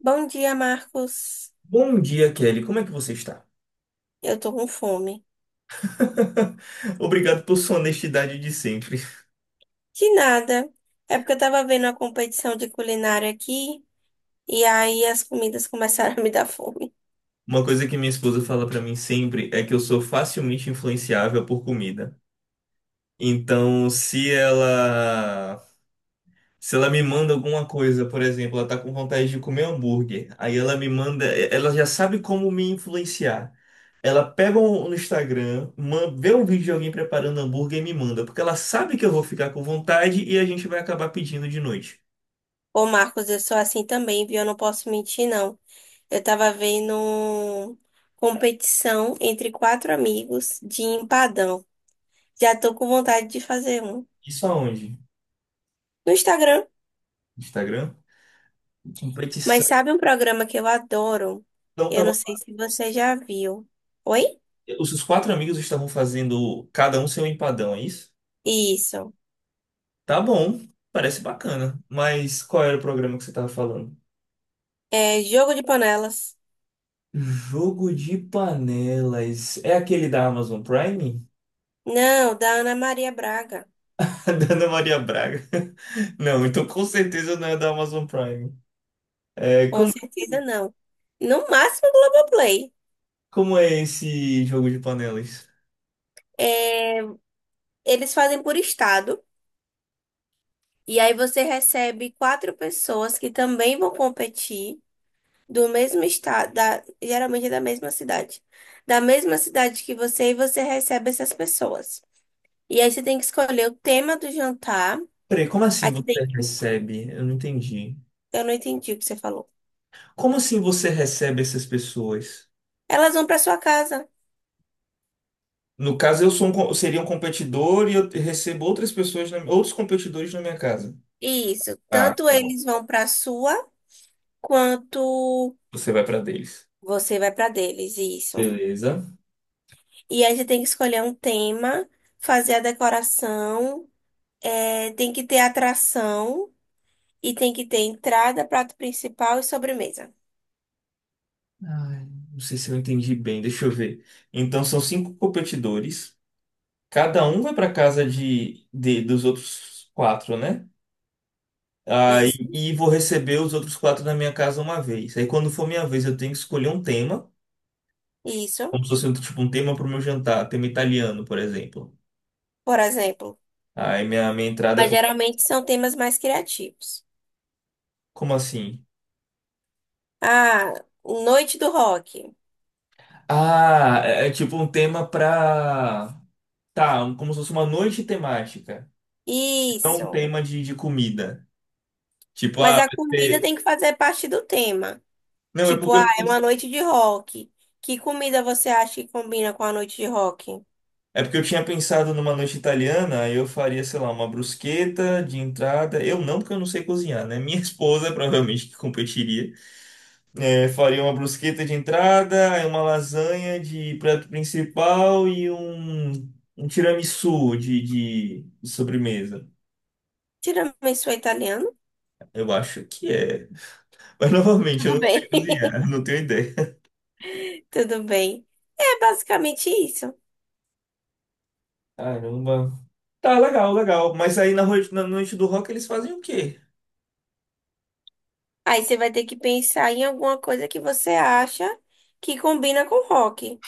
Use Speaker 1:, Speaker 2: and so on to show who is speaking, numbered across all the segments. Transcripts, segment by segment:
Speaker 1: Bom dia, Marcos.
Speaker 2: Bom dia, Kelly. Como é que você está?
Speaker 1: Eu tô com fome.
Speaker 2: Obrigado por sua honestidade de sempre.
Speaker 1: De nada. É porque eu tava vendo a competição de culinária aqui e aí as comidas começaram a me dar fome.
Speaker 2: Uma coisa que minha esposa fala pra mim sempre é que eu sou facilmente influenciável por comida. Então, se ela me manda alguma coisa, por exemplo, ela tá com vontade de comer hambúrguer, aí ela me manda, ela já sabe como me influenciar. Ela pega no Instagram, vê um vídeo de alguém preparando hambúrguer e me manda, porque ela sabe que eu vou ficar com vontade e a gente vai acabar pedindo de noite.
Speaker 1: Ô, Marcos, eu sou assim também, viu? Eu não posso mentir, não. Eu tava vendo competição entre quatro amigos de empadão. Já tô com vontade de fazer um
Speaker 2: Isso aonde?
Speaker 1: no Instagram.
Speaker 2: Instagram? Competição.
Speaker 1: Mas sabe um programa que eu adoro?
Speaker 2: Então
Speaker 1: Eu não
Speaker 2: tava.
Speaker 1: sei se você já viu. Oi?
Speaker 2: Os quatro amigos estavam fazendo cada um seu empadão, é isso?
Speaker 1: Isso.
Speaker 2: Tá bom, parece bacana. Mas qual era o programa que você tava falando?
Speaker 1: É Jogo de Panelas.
Speaker 2: Jogo de panelas. É aquele da Amazon Prime?
Speaker 1: Não, da Ana Maria Braga.
Speaker 2: Da Ana Maria Braga. Não, então com certeza não é da Amazon Prime. É,
Speaker 1: Com
Speaker 2: como,
Speaker 1: certeza não. No máximo Globoplay.
Speaker 2: como é esse jogo de panelas?
Speaker 1: É, eles fazem por estado. E aí você recebe quatro pessoas que também vão competir do mesmo estado, geralmente é da mesma cidade. Da mesma cidade que você, e você recebe essas pessoas. E aí você tem que escolher o tema do jantar.
Speaker 2: Peraí, como
Speaker 1: Aí
Speaker 2: assim
Speaker 1: você
Speaker 2: você
Speaker 1: tem,
Speaker 2: recebe? Eu não entendi.
Speaker 1: eu não entendi o que você falou.
Speaker 2: Como assim você recebe essas pessoas?
Speaker 1: Elas vão para sua casa.
Speaker 2: No caso, eu sou um, co- seria um competidor e eu recebo outras pessoas, outros competidores na minha casa.
Speaker 1: Isso.
Speaker 2: Ah,
Speaker 1: Tanto
Speaker 2: tá bom.
Speaker 1: eles vão para sua, quanto.
Speaker 2: Você vai para deles.
Speaker 1: Você vai para deles, isso.
Speaker 2: Beleza.
Speaker 1: E aí você tem que escolher um tema, fazer a decoração, é, tem que ter atração e tem que ter entrada, prato principal e sobremesa.
Speaker 2: Ai, não sei se eu entendi bem, deixa eu ver. Então são cinco competidores. Cada um vai para casa dos outros quatro, né? Ah,
Speaker 1: Isso,
Speaker 2: e vou receber os outros quatro na minha casa uma vez. Aí quando for minha vez, eu tenho que escolher um tema,
Speaker 1: isso,
Speaker 2: como se fosse um, tipo um tema para o meu jantar, tema italiano, por exemplo.
Speaker 1: por exemplo.
Speaker 2: Aí minha entrada
Speaker 1: Mas geralmente são temas mais criativos.
Speaker 2: Como assim?
Speaker 1: Ah, noite do rock.
Speaker 2: Ah, é tipo um tema pra. Tá, como se fosse uma noite temática. Não um
Speaker 1: Isso.
Speaker 2: tema de comida. Tipo,
Speaker 1: Mas
Speaker 2: ah,
Speaker 1: a
Speaker 2: vai
Speaker 1: comida
Speaker 2: ser.
Speaker 1: tem que fazer parte do tema.
Speaker 2: Não,
Speaker 1: Tipo, ah, é uma noite de rock. Que comida você acha que combina com a noite de rock?
Speaker 2: é porque eu tinha pensado numa noite italiana, aí eu faria, sei lá, uma brusqueta de entrada. Eu não, porque eu não sei cozinhar, né? Minha esposa provavelmente que competiria. É, faria uma brusqueta de entrada, aí uma lasanha de prato principal e um tiramisu de sobremesa.
Speaker 1: Tiramisu é italiano?
Speaker 2: Eu acho que é. Mas novamente, eu
Speaker 1: Tudo
Speaker 2: não
Speaker 1: bem.
Speaker 2: sei cozinhar, eu não tenho ideia.
Speaker 1: Tudo bem. É basicamente isso.
Speaker 2: Caramba. Tá, legal, legal. Mas aí na noite do rock eles fazem o quê?
Speaker 1: Aí você vai ter que pensar em alguma coisa que você acha que combina com rock.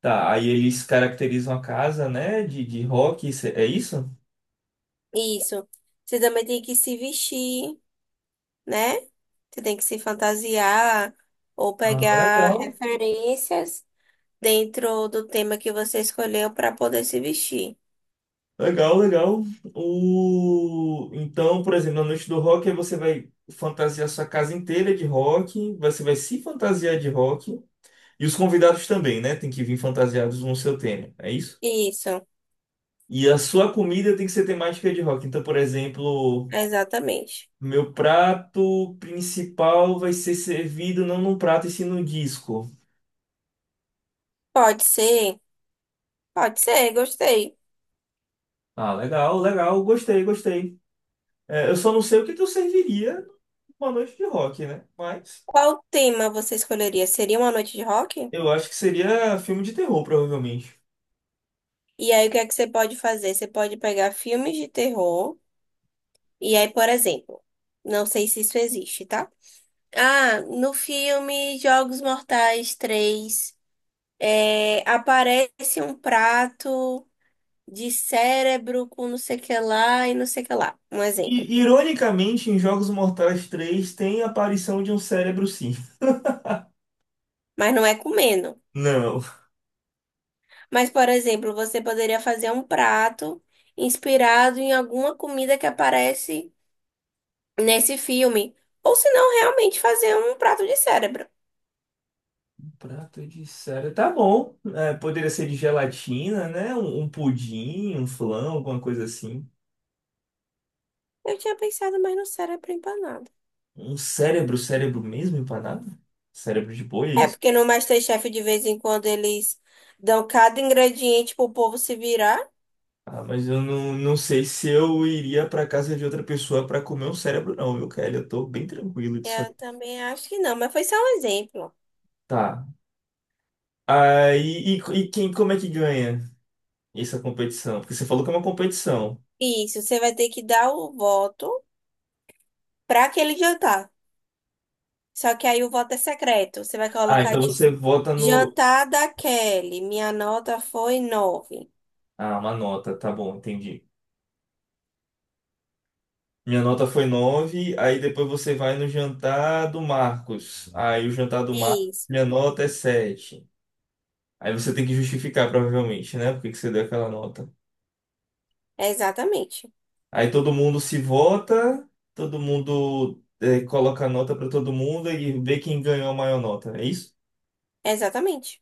Speaker 2: Tá, aí eles caracterizam a casa, né, de rock, é isso?
Speaker 1: Isso. Você também tem que se vestir, né? Você tem que se fantasiar ou
Speaker 2: Ah,
Speaker 1: pegar
Speaker 2: legal.
Speaker 1: referências dentro do tema que você escolheu para poder se vestir.
Speaker 2: Legal, legal. Então, por exemplo, na noite do rock aí você vai fantasiar sua casa inteira de rock, você vai se fantasiar de rock, e os convidados também, né, tem que vir fantasiados no seu tema, é isso?
Speaker 1: Isso,
Speaker 2: E a sua comida tem que ser temática de rock. Então, por exemplo.
Speaker 1: exatamente.
Speaker 2: Meu prato principal vai ser servido não num prato e sim num disco.
Speaker 1: Pode ser, pode ser, gostei.
Speaker 2: Ah, legal, legal, gostei, gostei. É, eu só não sei o que que eu serviria numa noite de rock, né? Mas
Speaker 1: Qual tema você escolheria? Seria uma noite de rock?
Speaker 2: eu acho que seria filme de terror, provavelmente.
Speaker 1: E aí, o que é que você pode fazer? Você pode pegar filmes de terror. E aí, por exemplo, não sei se isso existe, tá? Ah, no filme Jogos Mortais 3 é, aparece um prato de cérebro com não sei o que lá e não sei o que lá. Um exemplo.
Speaker 2: E, ironicamente, em Jogos Mortais 3 tem a aparição de um cérebro, sim.
Speaker 1: Mas não é comendo.
Speaker 2: Não.
Speaker 1: Mas, por exemplo, você poderia fazer um prato inspirado em alguma comida que aparece nesse filme. Ou se não, realmente fazer um prato de cérebro.
Speaker 2: Um prato de cérebro. Tá bom. É, poderia ser de gelatina, né? Um pudim, um flan, alguma coisa assim.
Speaker 1: Eu tinha pensado mais no cérebro empanado.
Speaker 2: Um cérebro, cérebro mesmo empanado? Cérebro de boi, é
Speaker 1: É
Speaker 2: isso?
Speaker 1: porque no MasterChef de vez em quando eles dão cada ingrediente pro povo se virar.
Speaker 2: Ah, mas eu não sei se eu iria pra casa de outra pessoa pra comer um cérebro, não, viu, Kelly? Eu tô bem tranquilo disso aí.
Speaker 1: Eu também acho que não, mas foi só um exemplo.
Speaker 2: Tá. Aí, e quem, como é que ganha essa competição? Porque você falou que é uma competição.
Speaker 1: Isso, você vai ter que dar o voto para aquele jantar. Só que aí o voto é secreto. Você vai
Speaker 2: Ah,
Speaker 1: colocar
Speaker 2: então
Speaker 1: tipo,
Speaker 2: você vota no.
Speaker 1: jantar da Kelly, minha nota foi 9.
Speaker 2: Ah, uma nota, tá bom, entendi. Minha nota foi nove. Aí depois você vai no jantar do Marcos. Aí o jantar do Marcos, minha
Speaker 1: Isso,
Speaker 2: nota é sete. Aí você tem que justificar, provavelmente, né? Por que que você deu aquela nota.
Speaker 1: exatamente.
Speaker 2: Aí todo mundo se vota, todo mundo coloca a nota para todo mundo e vê quem ganhou a maior nota. É isso?
Speaker 1: Exatamente.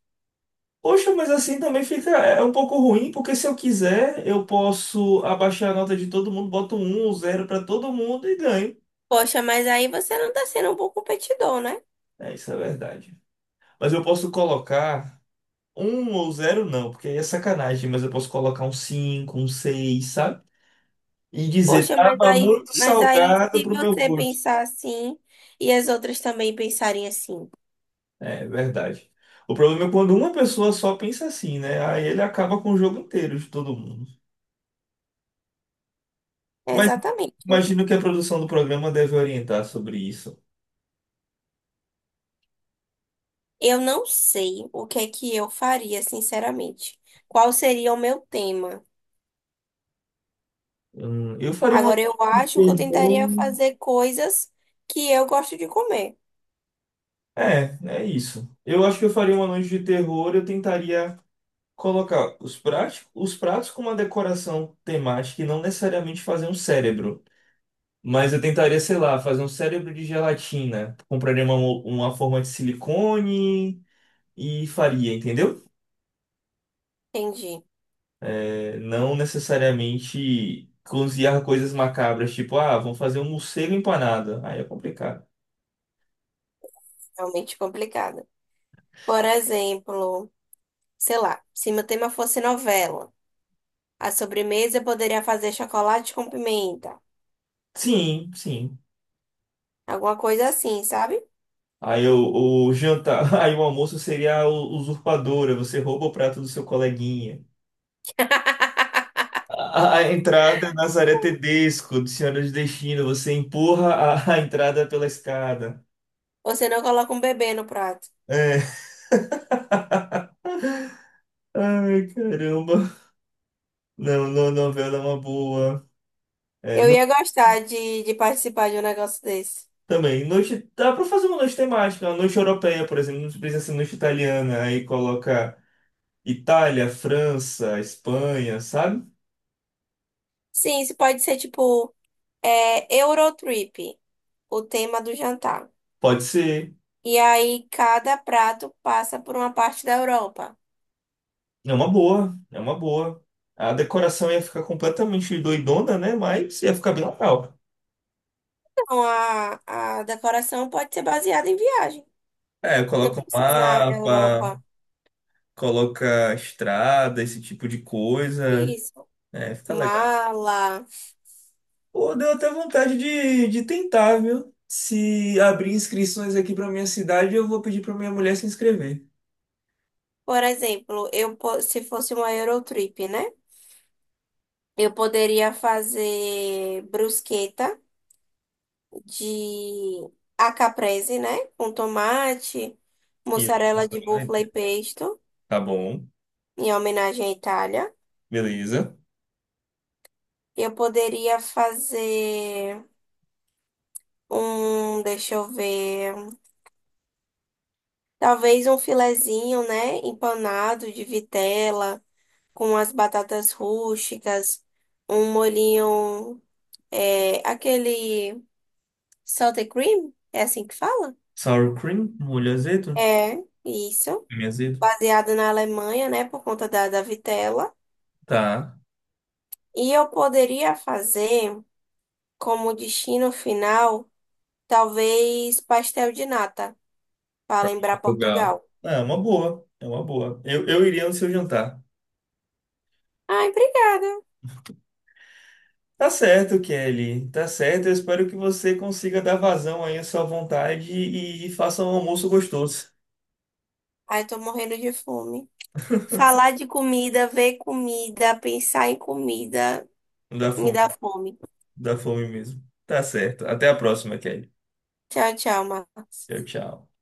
Speaker 2: Poxa, mas assim também fica. É um pouco ruim, porque se eu quiser, eu posso abaixar a nota de todo mundo, boto um zero para todo mundo e ganho.
Speaker 1: Poxa, mas aí você não tá sendo um bom competidor, né?
Speaker 2: É, isso é verdade. Mas eu posso colocar um ou zero, não, porque aí é sacanagem, mas eu posso colocar um cinco, um seis, sabe? E dizer,
Speaker 1: Poxa, mas
Speaker 2: tava
Speaker 1: aí,
Speaker 2: muito
Speaker 1: mas aí
Speaker 2: salgado
Speaker 1: se
Speaker 2: pro meu
Speaker 1: você
Speaker 2: gosto.
Speaker 1: pensar assim e as outras também pensarem assim.
Speaker 2: É verdade. O problema é quando uma pessoa só pensa assim, né? Aí ele acaba com o jogo inteiro de todo mundo.
Speaker 1: É
Speaker 2: Mas
Speaker 1: exatamente.
Speaker 2: imagino que a produção do programa deve orientar sobre isso.
Speaker 1: Eu não sei o que é que eu faria, sinceramente. Qual seria o meu tema?
Speaker 2: Eu faria uma
Speaker 1: Agora, eu
Speaker 2: noite de
Speaker 1: acho que eu
Speaker 2: terror.
Speaker 1: tentaria fazer coisas que eu gosto de comer.
Speaker 2: É, é isso. Eu acho que eu faria uma noite de terror. Eu tentaria colocar os pratos com uma decoração temática e não necessariamente fazer um cérebro. Mas eu tentaria, sei lá, fazer um cérebro de gelatina. Compraria uma forma de silicone e faria, entendeu?
Speaker 1: Entendi.
Speaker 2: Não necessariamente cozinhar coisas macabras, tipo, ah, vamos fazer um morcego empanado. Aí é complicado.
Speaker 1: Realmente complicado. Por exemplo, sei lá, se meu tema fosse novela, a sobremesa eu poderia fazer chocolate com pimenta.
Speaker 2: Sim, sim.
Speaker 1: Alguma coisa assim, sabe?
Speaker 2: Aí o jantar, aí o almoço seria a usurpadora, você rouba o prato do seu coleguinha. A entrada é Nazaré Tedesco, do Senhora de Destino, você empurra a, a entrada pela escada.
Speaker 1: Você não coloca um bebê no prato.
Speaker 2: É. Ai, caramba. Não, não, novela é uma boa. É,
Speaker 1: Eu ia gostar de participar de um negócio desse.
Speaker 2: também, noite, dá pra fazer uma noite temática, uma noite europeia, por exemplo, não precisa ser noite italiana, aí coloca Itália, França, Espanha, sabe?
Speaker 1: Sim, isso pode ser tipo é, Eurotrip, o tema do jantar.
Speaker 2: Pode ser,
Speaker 1: E aí cada prato passa por uma parte da Europa.
Speaker 2: é uma boa, é uma boa. A decoração ia ficar completamente doidona, né? Mas ia ficar bem legal.
Speaker 1: Então a decoração pode ser baseada em viagem.
Speaker 2: É,
Speaker 1: Não
Speaker 2: coloca um
Speaker 1: precisa ser na
Speaker 2: mapa,
Speaker 1: Europa.
Speaker 2: coloca estrada, esse tipo de coisa,
Speaker 1: Isso.
Speaker 2: é, fica legal.
Speaker 1: Mala.
Speaker 2: Pô, deu até vontade de tentar, viu? Se abrir inscrições aqui pra minha cidade, eu vou pedir pra minha mulher se inscrever.
Speaker 1: Por exemplo, se fosse uma Eurotrip, né? Eu poderia fazer brusqueta. De a caprese, né? Com tomate,
Speaker 2: E aí, passa
Speaker 1: mussarela de
Speaker 2: pra
Speaker 1: búfala
Speaker 2: dentro.
Speaker 1: e pesto,
Speaker 2: Tá bom,
Speaker 1: em homenagem à Itália.
Speaker 2: beleza.
Speaker 1: Eu poderia fazer um, deixa eu ver, talvez um filezinho, né? Empanado de vitela, com as batatas rústicas, um molhinho, é, aquele salted cream, é assim que fala?
Speaker 2: Sour cream, molho azedo,
Speaker 1: É, isso.
Speaker 2: creme azedo.
Speaker 1: Baseado na Alemanha, né? Por conta da vitela.
Speaker 2: Tá,
Speaker 1: E eu poderia fazer como destino final, talvez pastel de nata, para lembrar
Speaker 2: legal.
Speaker 1: Portugal.
Speaker 2: Ah, é uma boa, é uma boa. Eu iria no seu jantar.
Speaker 1: Ai, obrigada.
Speaker 2: Tá certo, Kelly, tá certo. Eu espero que você consiga dar vazão aí à sua vontade e faça um almoço gostoso.
Speaker 1: Ai, tô morrendo de fome. Falar de comida, ver comida, pensar em comida,
Speaker 2: Não dá
Speaker 1: me
Speaker 2: fome,
Speaker 1: dá
Speaker 2: não
Speaker 1: fome.
Speaker 2: dá fome mesmo. Tá certo. Até a próxima, Kelly.
Speaker 1: Tchau, tchau, Marcos.
Speaker 2: Tchau, tchau.